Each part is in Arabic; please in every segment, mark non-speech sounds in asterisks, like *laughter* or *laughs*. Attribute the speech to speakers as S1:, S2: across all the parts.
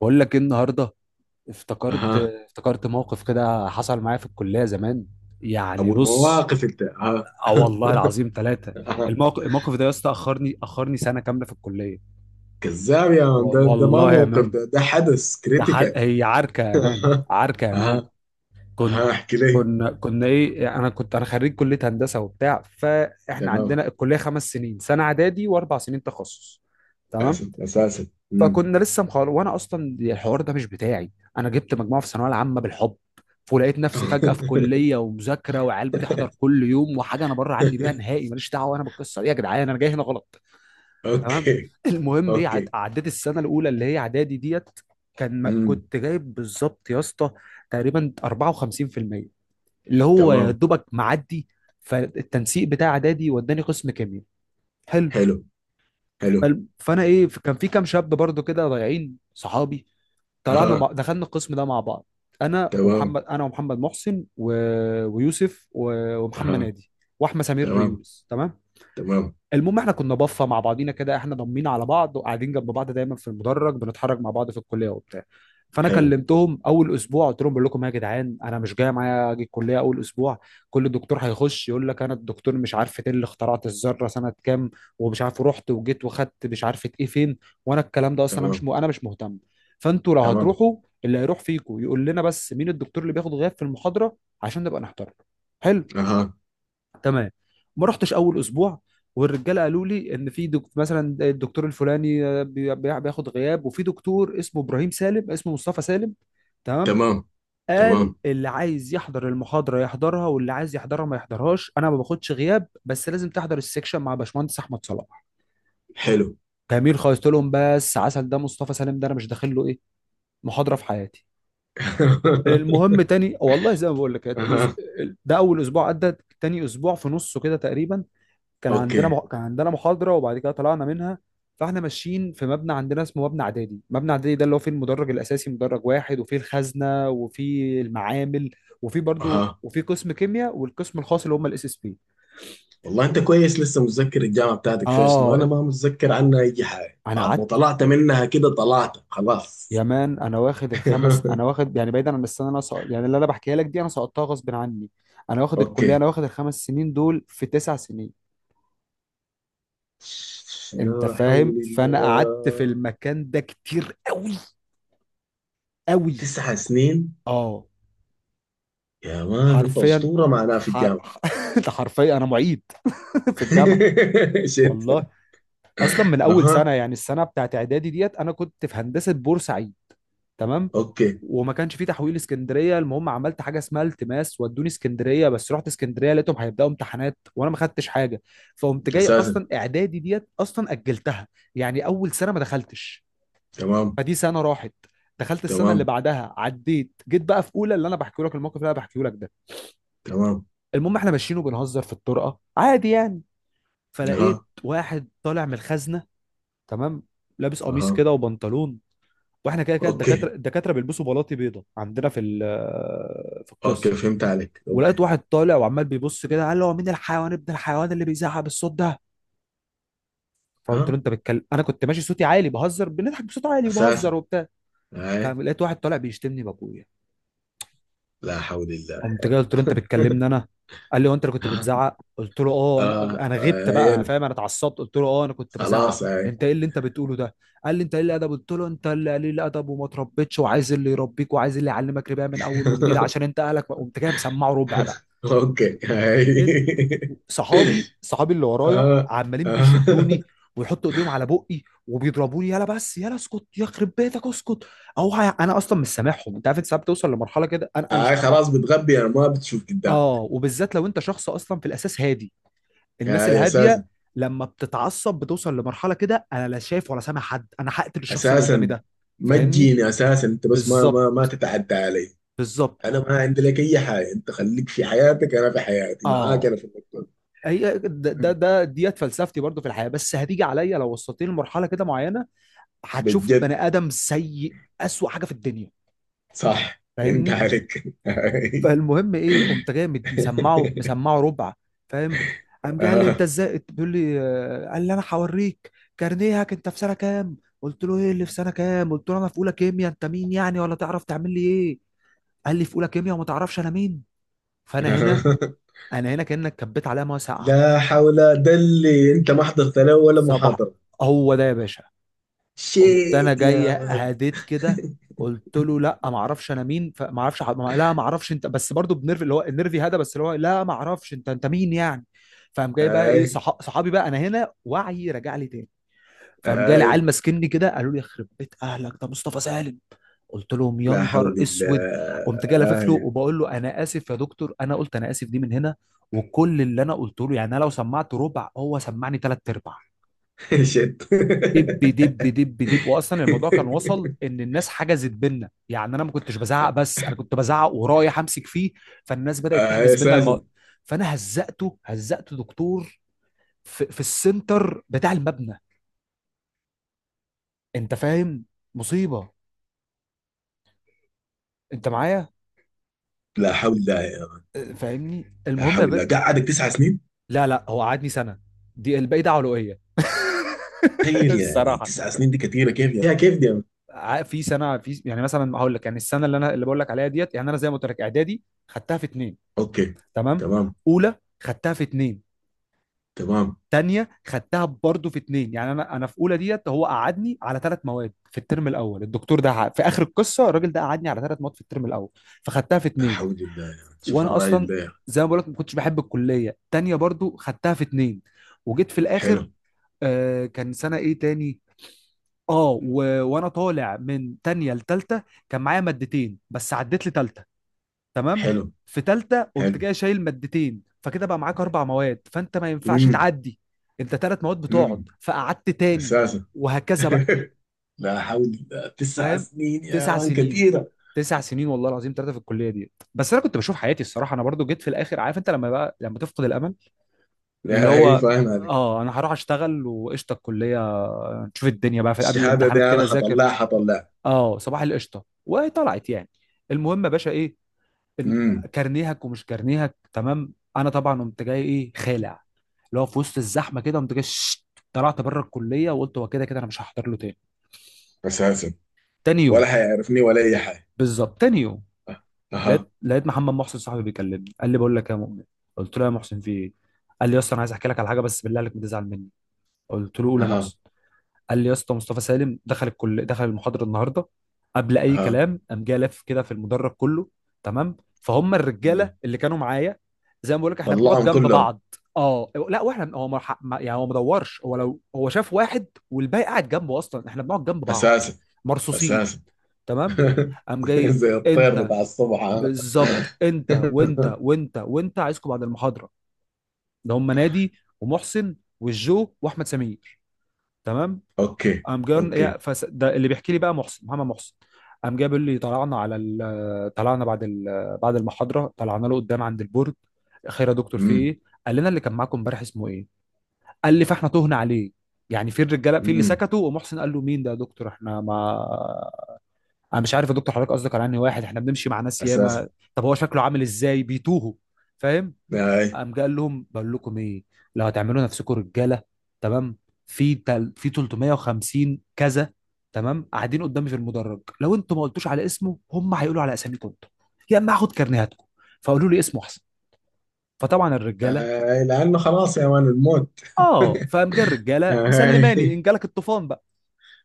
S1: بقول لك ايه النهارده. افتكرت
S2: اها.
S1: افتكرت موقف كده حصل معايا في الكليه زمان. يعني
S2: ابو
S1: بص،
S2: المواقف انت، اها.
S1: اه
S2: *laughs*
S1: والله العظيم ثلاثه.
S2: اها.
S1: الموقف ده يا اسطى اخرني سنه كامله في الكليه.
S2: كذاب يا مان، ده ما
S1: والله يا
S2: موقف،
S1: مان،
S2: ده حدث
S1: ده حد،
S2: كريتيكال.
S1: هي عركه
S2: *laughs*
S1: يا مان،
S2: اها.
S1: عركه يا مان.
S2: اها. اها،
S1: كنت،
S2: احكي لي.
S1: كنا كنا ايه انا كنت انا خريج كليه هندسه وبتاع. فاحنا
S2: تمام.
S1: عندنا الكليه خمس سنين، سنه اعدادي واربع سنين تخصص. تمام.
S2: اسف اساسا. أمم.
S1: فكنا لسه مخلص، وانا اصلا الحوار ده مش بتاعي. انا جبت مجموعه في الثانويه العامه بالحب، ولقيت نفسي فجاه في كليه ومذاكره وعيال بتحضر
S2: *laughs*
S1: كل يوم، وحاجه انا بره عني بيها نهائي، ماليش دعوه انا بالقصه دي. يا جدعان انا جاي هنا غلط. تمام.
S2: اوكي.
S1: المهم ايه،
S2: اوكي.
S1: عديت السنه الاولى اللي هي اعدادي ديت. كان
S2: امم.
S1: كنت جايب بالظبط يا اسطى تقريبا 54%، اللي هو يا
S2: تمام.
S1: دوبك معدي. فالتنسيق بتاع اعدادي وداني قسم كيمياء. حلو.
S2: حلو. حلو.
S1: فانا ايه، كان في كام شاب برضو كده ضايعين صحابي. طلعنا
S2: اها.
S1: دخلنا القسم ده مع بعض.
S2: تمام.
S1: انا ومحمد محسن، ويوسف، ومحمد
S2: اها.
S1: نادي، واحمد سمير
S2: تمام.
S1: يونس. تمام.
S2: تمام.
S1: المهم احنا كنا بفه مع بعضينا كده، احنا ضمينا على بعض وقاعدين جنب بعض دايما في المدرج، بنتحرك مع بعض في الكليه وبتاع. فانا
S2: حلو.
S1: كلمتهم اول اسبوع، قلت لهم بقول لكم إيه يا جدعان، انا مش جاي، معايا اجي الكليه اول اسبوع. كل دكتور هيخش يقول لك انا الدكتور مش عارف ايه، اللي اخترعت الذره سنه كام، ومش عارف رحت وجيت وخدت مش عارف ايه فين. وانا الكلام ده اصلا انا مش
S2: تمام.
S1: م... انا مش مهتم. فانتوا لو
S2: تمام.
S1: هتروحوا، اللي هيروح فيكم يقول لنا بس مين الدكتور اللي بياخد غياب في المحاضره، عشان نبقى نحترم. حلو.
S2: اها.
S1: تمام. ما رحتش اول اسبوع. والرجاله قالوا لي ان في مثلا الدكتور الفلاني آه، بياخد غياب، وفي دكتور اسمه ابراهيم سالم، اسمه مصطفى سالم. تمام.
S2: تمام.
S1: قال
S2: تمام.
S1: اللي عايز يحضر المحاضره يحضرها، واللي عايز يحضرها ما يحضرهاش، انا ما باخدش غياب، بس لازم تحضر السكشن مع باشمهندس احمد صلاح.
S2: حلو.
S1: جميل خالص. قلت لهم بس عسل، ده مصطفى سالم ده انا مش داخل له ايه، محاضره في حياتي.
S2: *laughs*
S1: المهم تاني والله زي ما بقول لك،
S2: اها.
S1: ده اول اسبوع عدى. تاني اسبوع في نصه كده تقريبا، كان عندنا
S2: اوكي.
S1: كان عندنا محاضرة، وبعد كده طلعنا منها. فاحنا ماشيين في مبنى عندنا اسمه مبنى اعدادي. مبنى اعدادي ده اللي هو فيه المدرج الاساسي، مدرج واحد، وفيه الخزنة وفيه المعامل، وفيه برضو
S2: اها،
S1: وفيه قسم كيمياء والقسم الخاص اللي هم الاس اس بي.
S2: والله انت كويس لسه متذكر الجامعه بتاعتك فيها شنو،
S1: اه
S2: انا ما متذكر عنها اي حاجه،
S1: انا
S2: بعد ما
S1: قعدت
S2: طلعت منها كده طلعت
S1: يا
S2: خلاص.
S1: مان، انا واخد
S2: *laughs*
S1: الخمس، انا واخد يعني، بعيدا عن السنه اللي انا سقط، يعني اللي انا بحكيها لك دي انا سقطتها غصب عني، انا واخد الكليه،
S2: اوكي.
S1: انا واخد الخمس سنين دول في تسع سنين. انت
S2: لا
S1: فاهم.
S2: حول
S1: فانا قعدت في
S2: الله.
S1: المكان ده كتير قوي، قوي.
S2: تسع سنين.
S1: اه
S2: يا مان انت
S1: حرفيا.
S2: اسطوره معناها في
S1: حر...
S2: الجامعه.
S1: *laughs* ده حرفيا انا معيد، *laughs* في الجامعه.
S2: *laughs*
S1: والله
S2: شت.
S1: اصلا من اول
S2: اها.
S1: سنه، يعني السنه بتاعت اعدادي ديت انا كنت في هندسه بورسعيد. تمام.
S2: اوكي.
S1: وما كانش في تحويل اسكندريه. المهم عملت حاجه اسمها التماس ودوني اسكندريه، بس رحت اسكندريه لقيتهم هيبداوا امتحانات وانا ما خدتش حاجه. فقمت جاي،
S2: اساسا.
S1: اصلا اعدادي ديت اصلا اجلتها، يعني اول سنه ما دخلتش.
S2: تمام.
S1: فدي سنه راحت. دخلت السنه اللي
S2: تمام.
S1: بعدها عديت، جيت بقى في اولى اللي انا بحكي لك الموقف اللي انا بحكيه لك ده.
S2: تمام.
S1: المهم احنا ماشيين وبنهزر في الطرقه عادي يعني. فلقيت
S2: اها.
S1: واحد طالع من الخزنه. تمام. لابس قميص
S2: اها.
S1: كده وبنطلون. واحنا كده كده
S2: اوكي.
S1: الدكاتره، الدكاتره بيلبسوا بلاطي بيضه عندنا في
S2: اوكي،
S1: القسم.
S2: فهمت عليك،
S1: ولقيت
S2: اوكي.
S1: واحد طالع وعمال بيبص كده، قال له هو مين الحيوان ابن الحيوان اللي بيزعق بالصوت ده؟ فقلت له
S2: ها.
S1: انت بتكلم، انا كنت ماشي صوتي عالي بهزر، بنضحك بصوت عالي
S2: اساسا.
S1: وبهزر وبتاع.
S2: هاي.
S1: فلقيت واحد طالع بيشتمني بابويا.
S2: لا حول الله.
S1: قمت جاي قلت له انت بتكلمني انا؟ قال لي هو انت اللي
S2: *laughs*
S1: كنت
S2: آه.
S1: بتزعق؟ قلت له اه انا
S2: آه،
S1: انا غبت
S2: هاي
S1: بقى،
S2: انا.
S1: فاهم، انا اتعصبت، قلت له اه انا كنت بزعق،
S2: خلاص هاي.
S1: انت ايه اللي انت بتقوله ده؟ قال لي انت قليل الادب، قلت له انت اللي قليل الادب وما تربيتش وعايز اللي يربيك وعايز اللي يعلمك ربا من اول وجديد عشان
S2: *laughs*
S1: انت اهلك قمت جاي مسمعه ربع بقى،
S2: اوكي.
S1: انت.
S2: هاي.
S1: صحابي،
S2: *laughs*
S1: صحابي اللي ورايا
S2: آه.
S1: عمالين
S2: آه.
S1: بيشدوني ويحطوا ايديهم على بقي وبيضربوني، يلا بس يلا اسكت، يخرب بيتك اسكت. انا اصلا مش سامعهم. انت عارف، انت ساعات بتوصل لمرحله كده، انا
S2: هاي خلاص بتغبي، انا ما بتشوف
S1: اه،
S2: قدامك.
S1: وبالذات لو انت شخص اصلا في الاساس هادي، الناس
S2: هاي اساسا.
S1: الهاديه لما بتتعصب بتوصل لمرحله كده، انا لا شايف ولا سامع حد، انا هقتل الشخص اللي قدامي
S2: اساسا
S1: ده.
S2: ما
S1: فاهمني.
S2: تجيني، اساسا انت بس ما
S1: بالظبط،
S2: تتعدى علي.
S1: بالظبط.
S2: انا ما عندي لك اي حاجه، انت خليك في حياتك انا في حياتي، معاك
S1: اه
S2: انا في المكتب.
S1: هي ديت فلسفتي برضو في الحياه، بس هتيجي عليا لو وصلتني لمرحله كده معينه، هتشوف
S2: بجد.
S1: بني ادم سيء، اسوأ حاجه في الدنيا.
S2: صح، انت
S1: فاهمني.
S2: عليك. *laughs* *laughs* هاي.
S1: فالمهم ايه، قمت جاي مسمعه ربع. فاهم. قام جاي قال لي
S2: آه.
S1: انت ازاي، بيقول لي آه، قال لي انا هوريك كارنيهك، انت في سنه كام؟ قلت له ايه اللي في سنه كام، قلت له انا في اولى كيمياء، انت مين يعني ولا تعرف تعمل لي ايه؟ قال لي في اولى كيمياء وما تعرفش انا مين؟ فانا هنا،
S2: آه.
S1: انا هنا كانك كبيت عليا ميه ساقعه.
S2: لا حول. ده اللي انت ما حضرت له ولا
S1: صباح.
S2: محاضرة.
S1: هو ده يا باشا. قمت
S2: شيت
S1: انا جاي
S2: يا مان.
S1: هديت كده، قلت له لا ما اعرفش انا مين، فما اعرفش لا ما اعرفش انت، بس برضو بنرفي اللي هو النرفي هذا، بس اللي هو لا ما اعرفش انت، انت مين يعني؟ فقام جاي بقى ايه،
S2: اي.
S1: صحابي بقى، انا هنا وعي رجع لي تاني. فقام جالي
S2: اي.
S1: عيال ماسكني كده قالوا لي يخرب بيت اهلك ده مصطفى سالم. قلت لهم يا
S2: لا حول
S1: نهار اسود. قمت جاي لافف له
S2: الله. *laughs*
S1: وبقول له انا اسف يا دكتور، انا قلت انا اسف دي من هنا، وكل اللي انا قلته له، يعني انا لو سمعت ربع هو سمعني ثلاث ارباع،
S2: آه شيت.
S1: دب دب دب دب. واصلا الموضوع كان وصل ان الناس حجزت بينا، يعني انا ما كنتش بزعق، بس انا كنت بزعق ورايح امسك فيه، فالناس بدات
S2: اي.
S1: تحجز بينا
S2: اساسا.
S1: الموضوع. فانا هزقته، هزقته دكتور، في السنتر بتاع المبنى. انت فاهم؟ مصيبه. انت معايا؟
S2: لا حول الله يا مان.
S1: أه، فاهمني.
S2: لا
S1: المهم يا
S2: حول
S1: باشا.
S2: الله، قعدك تسع سنين.
S1: لا لا، هو قعدني سنه، دي الباقي ده علوئيه، *laughs*
S2: تخيل يعني،
S1: الصراحه.
S2: تسع سنين دي كثيره، كيف يا كيف دي يا مان؟
S1: في سنه في، يعني مثلا هقول لك، يعني السنه اللي انا اللي بقول لك عليها ديت، يعني انا زي ما قلت لك اعدادي خدتها في اتنين.
S2: اوكي.
S1: تمام.
S2: تمام.
S1: اولى، خدتها في اتنين.
S2: تمام.
S1: تانية خدتها برضه في اتنين. يعني انا في اولى ديت هو قعدني على ثلاث مواد في الترم الاول. الدكتور ده، في اخر القصه الراجل ده قعدني على ثلاث مواد في الترم الاول، فخدتها في
S2: لا
S1: اتنين.
S2: حول الله يا مان. شوف
S1: وانا
S2: الراجل
S1: اصلا
S2: ده يا مان.
S1: زي ما بقول لك ما كنتش بحب الكليه. تانية برضه خدتها في اتنين. وجيت في الاخر،
S2: حلو.
S1: آه كان سنه ايه تاني، اه وانا طالع من تانية لتالتة، كان معايا مادتين بس، عديت لتالتة. تمام.
S2: حلو.
S1: في تالتة قمت
S2: حلو.
S1: جاي شايل مادتين، فكده بقى معاك اربع مواد، فانت ما ينفعش
S2: امم.
S1: تعدي، انت تلات مواد بتقعد،
S2: امم.
S1: فقعدت تاني.
S2: اساسا.
S1: وهكذا بقى.
S2: *laughs* لا حول الله، تسع
S1: فاهم.
S2: سنين يا
S1: تسع
S2: مان
S1: سنين،
S2: كثيره.
S1: تسع سنين والله العظيم ثلاثة في الكلية دي. بس انا كنت بشوف حياتي الصراحة، انا برضو جيت في الاخر عارف انت لما بقى لما تفقد الامل، اللي
S2: لا، هي
S1: هو
S2: فاهم عليك.
S1: اه انا هروح اشتغل وقشطة الكلية، نشوف الدنيا بقى، في قبل
S2: الشهادة دي
S1: الامتحانات
S2: أنا
S1: كده ذاكر،
S2: حطلعها حطلعها.
S1: اه صباح القشطة وطلعت يعني. المهم يا باشا ايه،
S2: امم.
S1: كارنيهك ومش كارنيهك. تمام، انا طبعا قمت جاي ايه، خالع. اللي هو في وسط الزحمه كده، قمت جاي شت، طلعت بره الكليه وقلت هو كده كده انا مش هحضر له تاني.
S2: أساسا.
S1: تاني
S2: ولا
S1: يوم،
S2: حيعرفني ولا أي حاجة.
S1: بالظبط تاني يوم،
S2: أه. أها.
S1: لقيت محمد محسن صاحبي بيكلمني، قال لي بقول لك إيه يا مؤمن. قلت له يا محسن في ايه؟ قال لي يا اسطى انا عايز احكي لك على حاجه بس بالله عليك ما تزعل مني. قلت له قول يا
S2: أها.
S1: محسن. قال لي يا اسطى، مصطفى سالم دخل الكل، دخل المحاضره النهارده. قبل اي
S2: أها.
S1: كلام قام جه لف كده في المدرج كله. تمام. فهم
S2: امم.
S1: الرجاله اللي كانوا معايا، زي ما بقول لك احنا بنقعد
S2: طلعهم
S1: جنب
S2: كلهم.
S1: بعض. اه لا واحنا، هو ما ح- ما- يعني هو ما دورش، هو لو هو شاف واحد والباقي قاعد جنبه، اصلا احنا بنقعد جنب بعض،
S2: أساسا.
S1: مرصوصين.
S2: أساسا.
S1: تمام. قام
S2: *laughs*
S1: جاي،
S2: زي الطير
S1: انت،
S2: بتاع الصبح، ها؟
S1: بالظبط انت
S2: *laughs*
S1: وانت وانت وانت، عايزكم بعد المحاضره. ده هم نادي، ومحسن، والجو، واحمد سمير. تمام.
S2: أوكي.
S1: قام جاي
S2: أوكي.
S1: ده اللي بيحكي لي بقى محسن، محمد محسن. قام جاي بيقول لي طلعنا على طلعنا بعد بعد المحاضره طلعنا له قدام عند البورد. خير يا دكتور في
S2: امم.
S1: ايه؟ قال لنا اللي كان معاكم امبارح اسمه ايه؟ قال لي فاحنا تهنا عليه، يعني في الرجاله في اللي
S2: امم.
S1: سكتوا، ومحسن قال له مين ده يا دكتور احنا ما، انا مش عارف يا دكتور حضرتك قصدك على انهي واحد، احنا بنمشي مع ناس
S2: أساسا.
S1: ياما. طب هو شكله عامل ازاي، بيتوهوا. فاهم.
S2: أي.
S1: قام قال لهم بقول لكم ايه، لو هتعملوا نفسكم رجاله، تمام، في في 350 كذا، تمام، قاعدين قدامي في المدرج، لو انتوا ما قلتوش على اسمه هم هيقولوا على اساميكم انتوا، يا اما هاخد كارنيهاتكم، فقولوا لي اسمه احسن. فطبعا الرجاله
S2: أي لأنه خلاص يا مان الموت.
S1: اه، فقام جه
S2: *laughs*
S1: الرجاله مسلماني
S2: أي.
S1: ان جالك الطوفان بقى،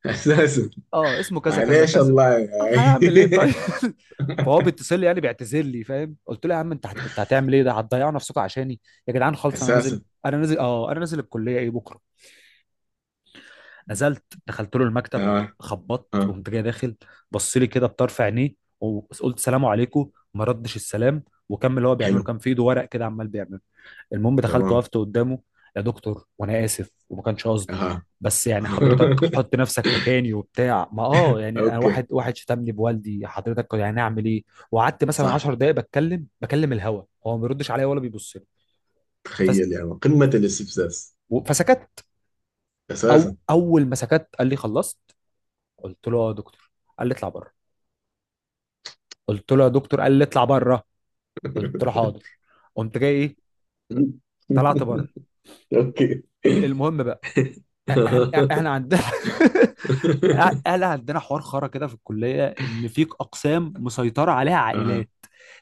S2: أساسا.
S1: اه اسمه كذا كذا
S2: معليش
S1: كذا.
S2: الله،
S1: آه،
S2: أي.
S1: هيعمل ايه طيب.
S2: *laughs*
S1: *laughs* فهو بيتصل لي يعني بيعتذر لي، فاهم. قلت له يا عم انت كنت هتعمل ايه، ده هتضيعوا نفسكم عشاني، يا جدعان خالص، انا نازل،
S2: أساسا.
S1: انا نازل اه، انا نازل الكليه ايه بكره. نزلت دخلت له المكتب.
S2: أه.
S1: خبطت
S2: أه.
S1: وقمت جاي داخل. بص لي كده بطرف عينيه، وقلت سلام عليكم، ما ردش السلام، وكمل هو
S2: حلو.
S1: بيعمله كان في ايده ورق كده عمال بيعمله. المهم دخلت
S2: تمام.
S1: وقفت قدامه، يا دكتور وانا اسف، وما كانش قصدي،
S2: أها.
S1: بس يعني حضرتك
S2: *laughs*
S1: حط نفسك مكاني وبتاع، ما اه يعني انا،
S2: اوكي.
S1: واحد شتمني بوالدي، حضرتك يعني اعمل ايه؟ وقعدت مثلا
S2: صح.
S1: 10 دقائق بتكلم، بكلم الهوا، هو ما بيردش عليا ولا بيبص لي. فس...
S2: تخيل يعني قمة الاستفزاز.
S1: فسكت.
S2: اساسا.
S1: او اول ما سكت قال لي خلصت؟ قلت له اه يا دكتور. قال لي اطلع بره. قلت له يا دكتور. قال لي اطلع بره. قلت له حاضر.
S2: *laughs*
S1: قمت جاي ايه، طلعت بره.
S2: اوكي. *laughs*
S1: المهم بقى، احنا عندنا *laughs* احنا عندنا حوار خرا كده في الكليه، ان في اقسام مسيطره عليها
S2: اها.
S1: عائلات.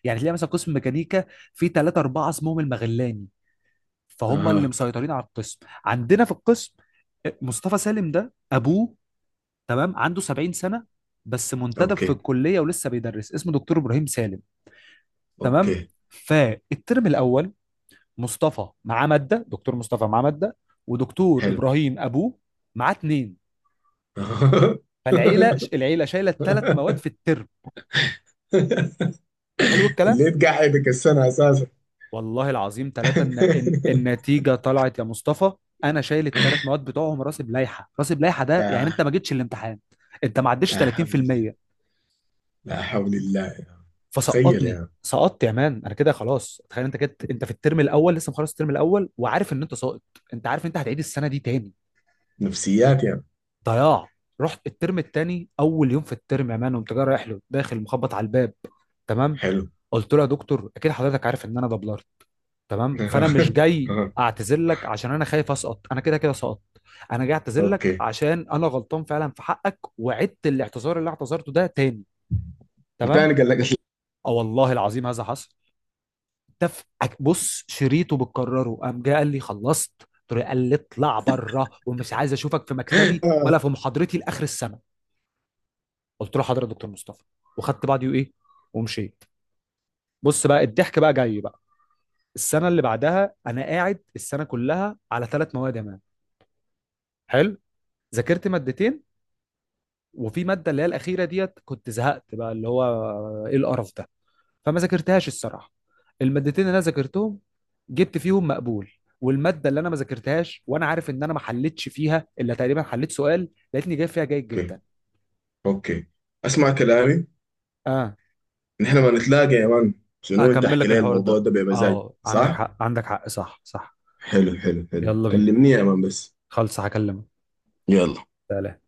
S1: يعني تلاقي مثلا قسم ميكانيكا، في ثلاثه اربعه اسمهم المغلاني، فهم اللي
S2: اها.
S1: مسيطرين على القسم. عندنا في القسم، مصطفى سالم ده ابوه، تمام، عنده 70 سنه، بس منتدب في
S2: اوكي.
S1: الكليه ولسه بيدرس، اسمه دكتور ابراهيم سالم. تمام.
S2: اوكي.
S1: فالترم الاول، مصطفى معاه ماده، دكتور مصطفى معاه ماده، ودكتور
S2: حلو.
S1: ابراهيم ابوه معاه اتنين.
S2: *laughs*
S1: فالعيله، العيله شايله ثلاث مواد في الترم. حلو الكلام.
S2: اللي تقعدك السنة اساسا.
S1: والله العظيم ثلاثه، النتيجه طلعت يا مصطفى، انا شايل الثلاث
S2: *laughs*
S1: مواد بتوعهم، راسب لائحه، راسب لائحه ده يعني انت
S2: لا.
S1: ما جيتش الامتحان، انت ما عدتش
S2: لا حول الله.
S1: 30%.
S2: لا حول الله يعني. تخيل
S1: فسقطني.
S2: يعني.
S1: سقطت يا مان، انا كده خلاص. تخيل انت كده، انت في الترم الاول لسه مخلص الترم الاول وعارف ان انت ساقط، انت عارف انت هتعيد السنه دي تاني.
S2: نفسيات يعني.
S1: ضياع. رحت الترم الثاني اول يوم في الترم يا مان، قمت جاي رايح له داخل مخبط على الباب. تمام.
S2: حلو.
S1: قلت له يا دكتور اكيد حضرتك عارف ان انا دبلرت. تمام. فانا مش
S2: *laughs*
S1: جاي اعتذر لك عشان انا خايف اسقط، انا كده كده سقطت، انا جاي اعتذر
S2: اوكي.
S1: لك عشان انا غلطان فعلا في حقك، وعدت الاعتذار اللي اعتذرته ده تاني. تمام.
S2: وتاني قال لك
S1: اه والله العظيم هذا حصل. تف. بص شريطه بتكرره، قام جاي قال لي خلصت؟ قلت له، قال لي اطلع بره، ومش عايز اشوفك في مكتبي
S2: آه؟
S1: ولا في محاضرتي لاخر السنه. قلت له حاضر يا دكتور مصطفى، وخدت بعضي وايه، ومشيت. بص بقى الضحك بقى جاي بقى. السنه اللي بعدها انا قاعد السنه كلها على ثلاث مواد يا مان. حلو. ذاكرت مادتين، وفي ماده اللي هي الاخيره ديت كنت زهقت بقى، اللي هو ايه القرف ده، فما ذاكرتهاش الصراحه. المادتين اللي انا ذاكرتهم جبت فيهم مقبول، والماده اللي انا ما ذاكرتهاش وانا عارف ان انا ما حلتش فيها الا تقريبا حليت سؤال، لقيتني جايب فيها جيد
S2: اوكي.
S1: جدا.
S2: اوكي. اسمع كلامي.
S1: اه
S2: نحن ما نتلاقى يا مان. شنو؟ انت
S1: اكمل
S2: احكي
S1: لك
S2: لي
S1: الحوار
S2: الموضوع
S1: ده.
S2: ده بمزاج
S1: اه عندك
S2: صح.
S1: حق، عندك حق، صح صح.
S2: حلو. حلو. حلو
S1: يلا بينا،
S2: كلمني يا مان بس.
S1: خلص هكلمك.
S2: يلا.
S1: سلام.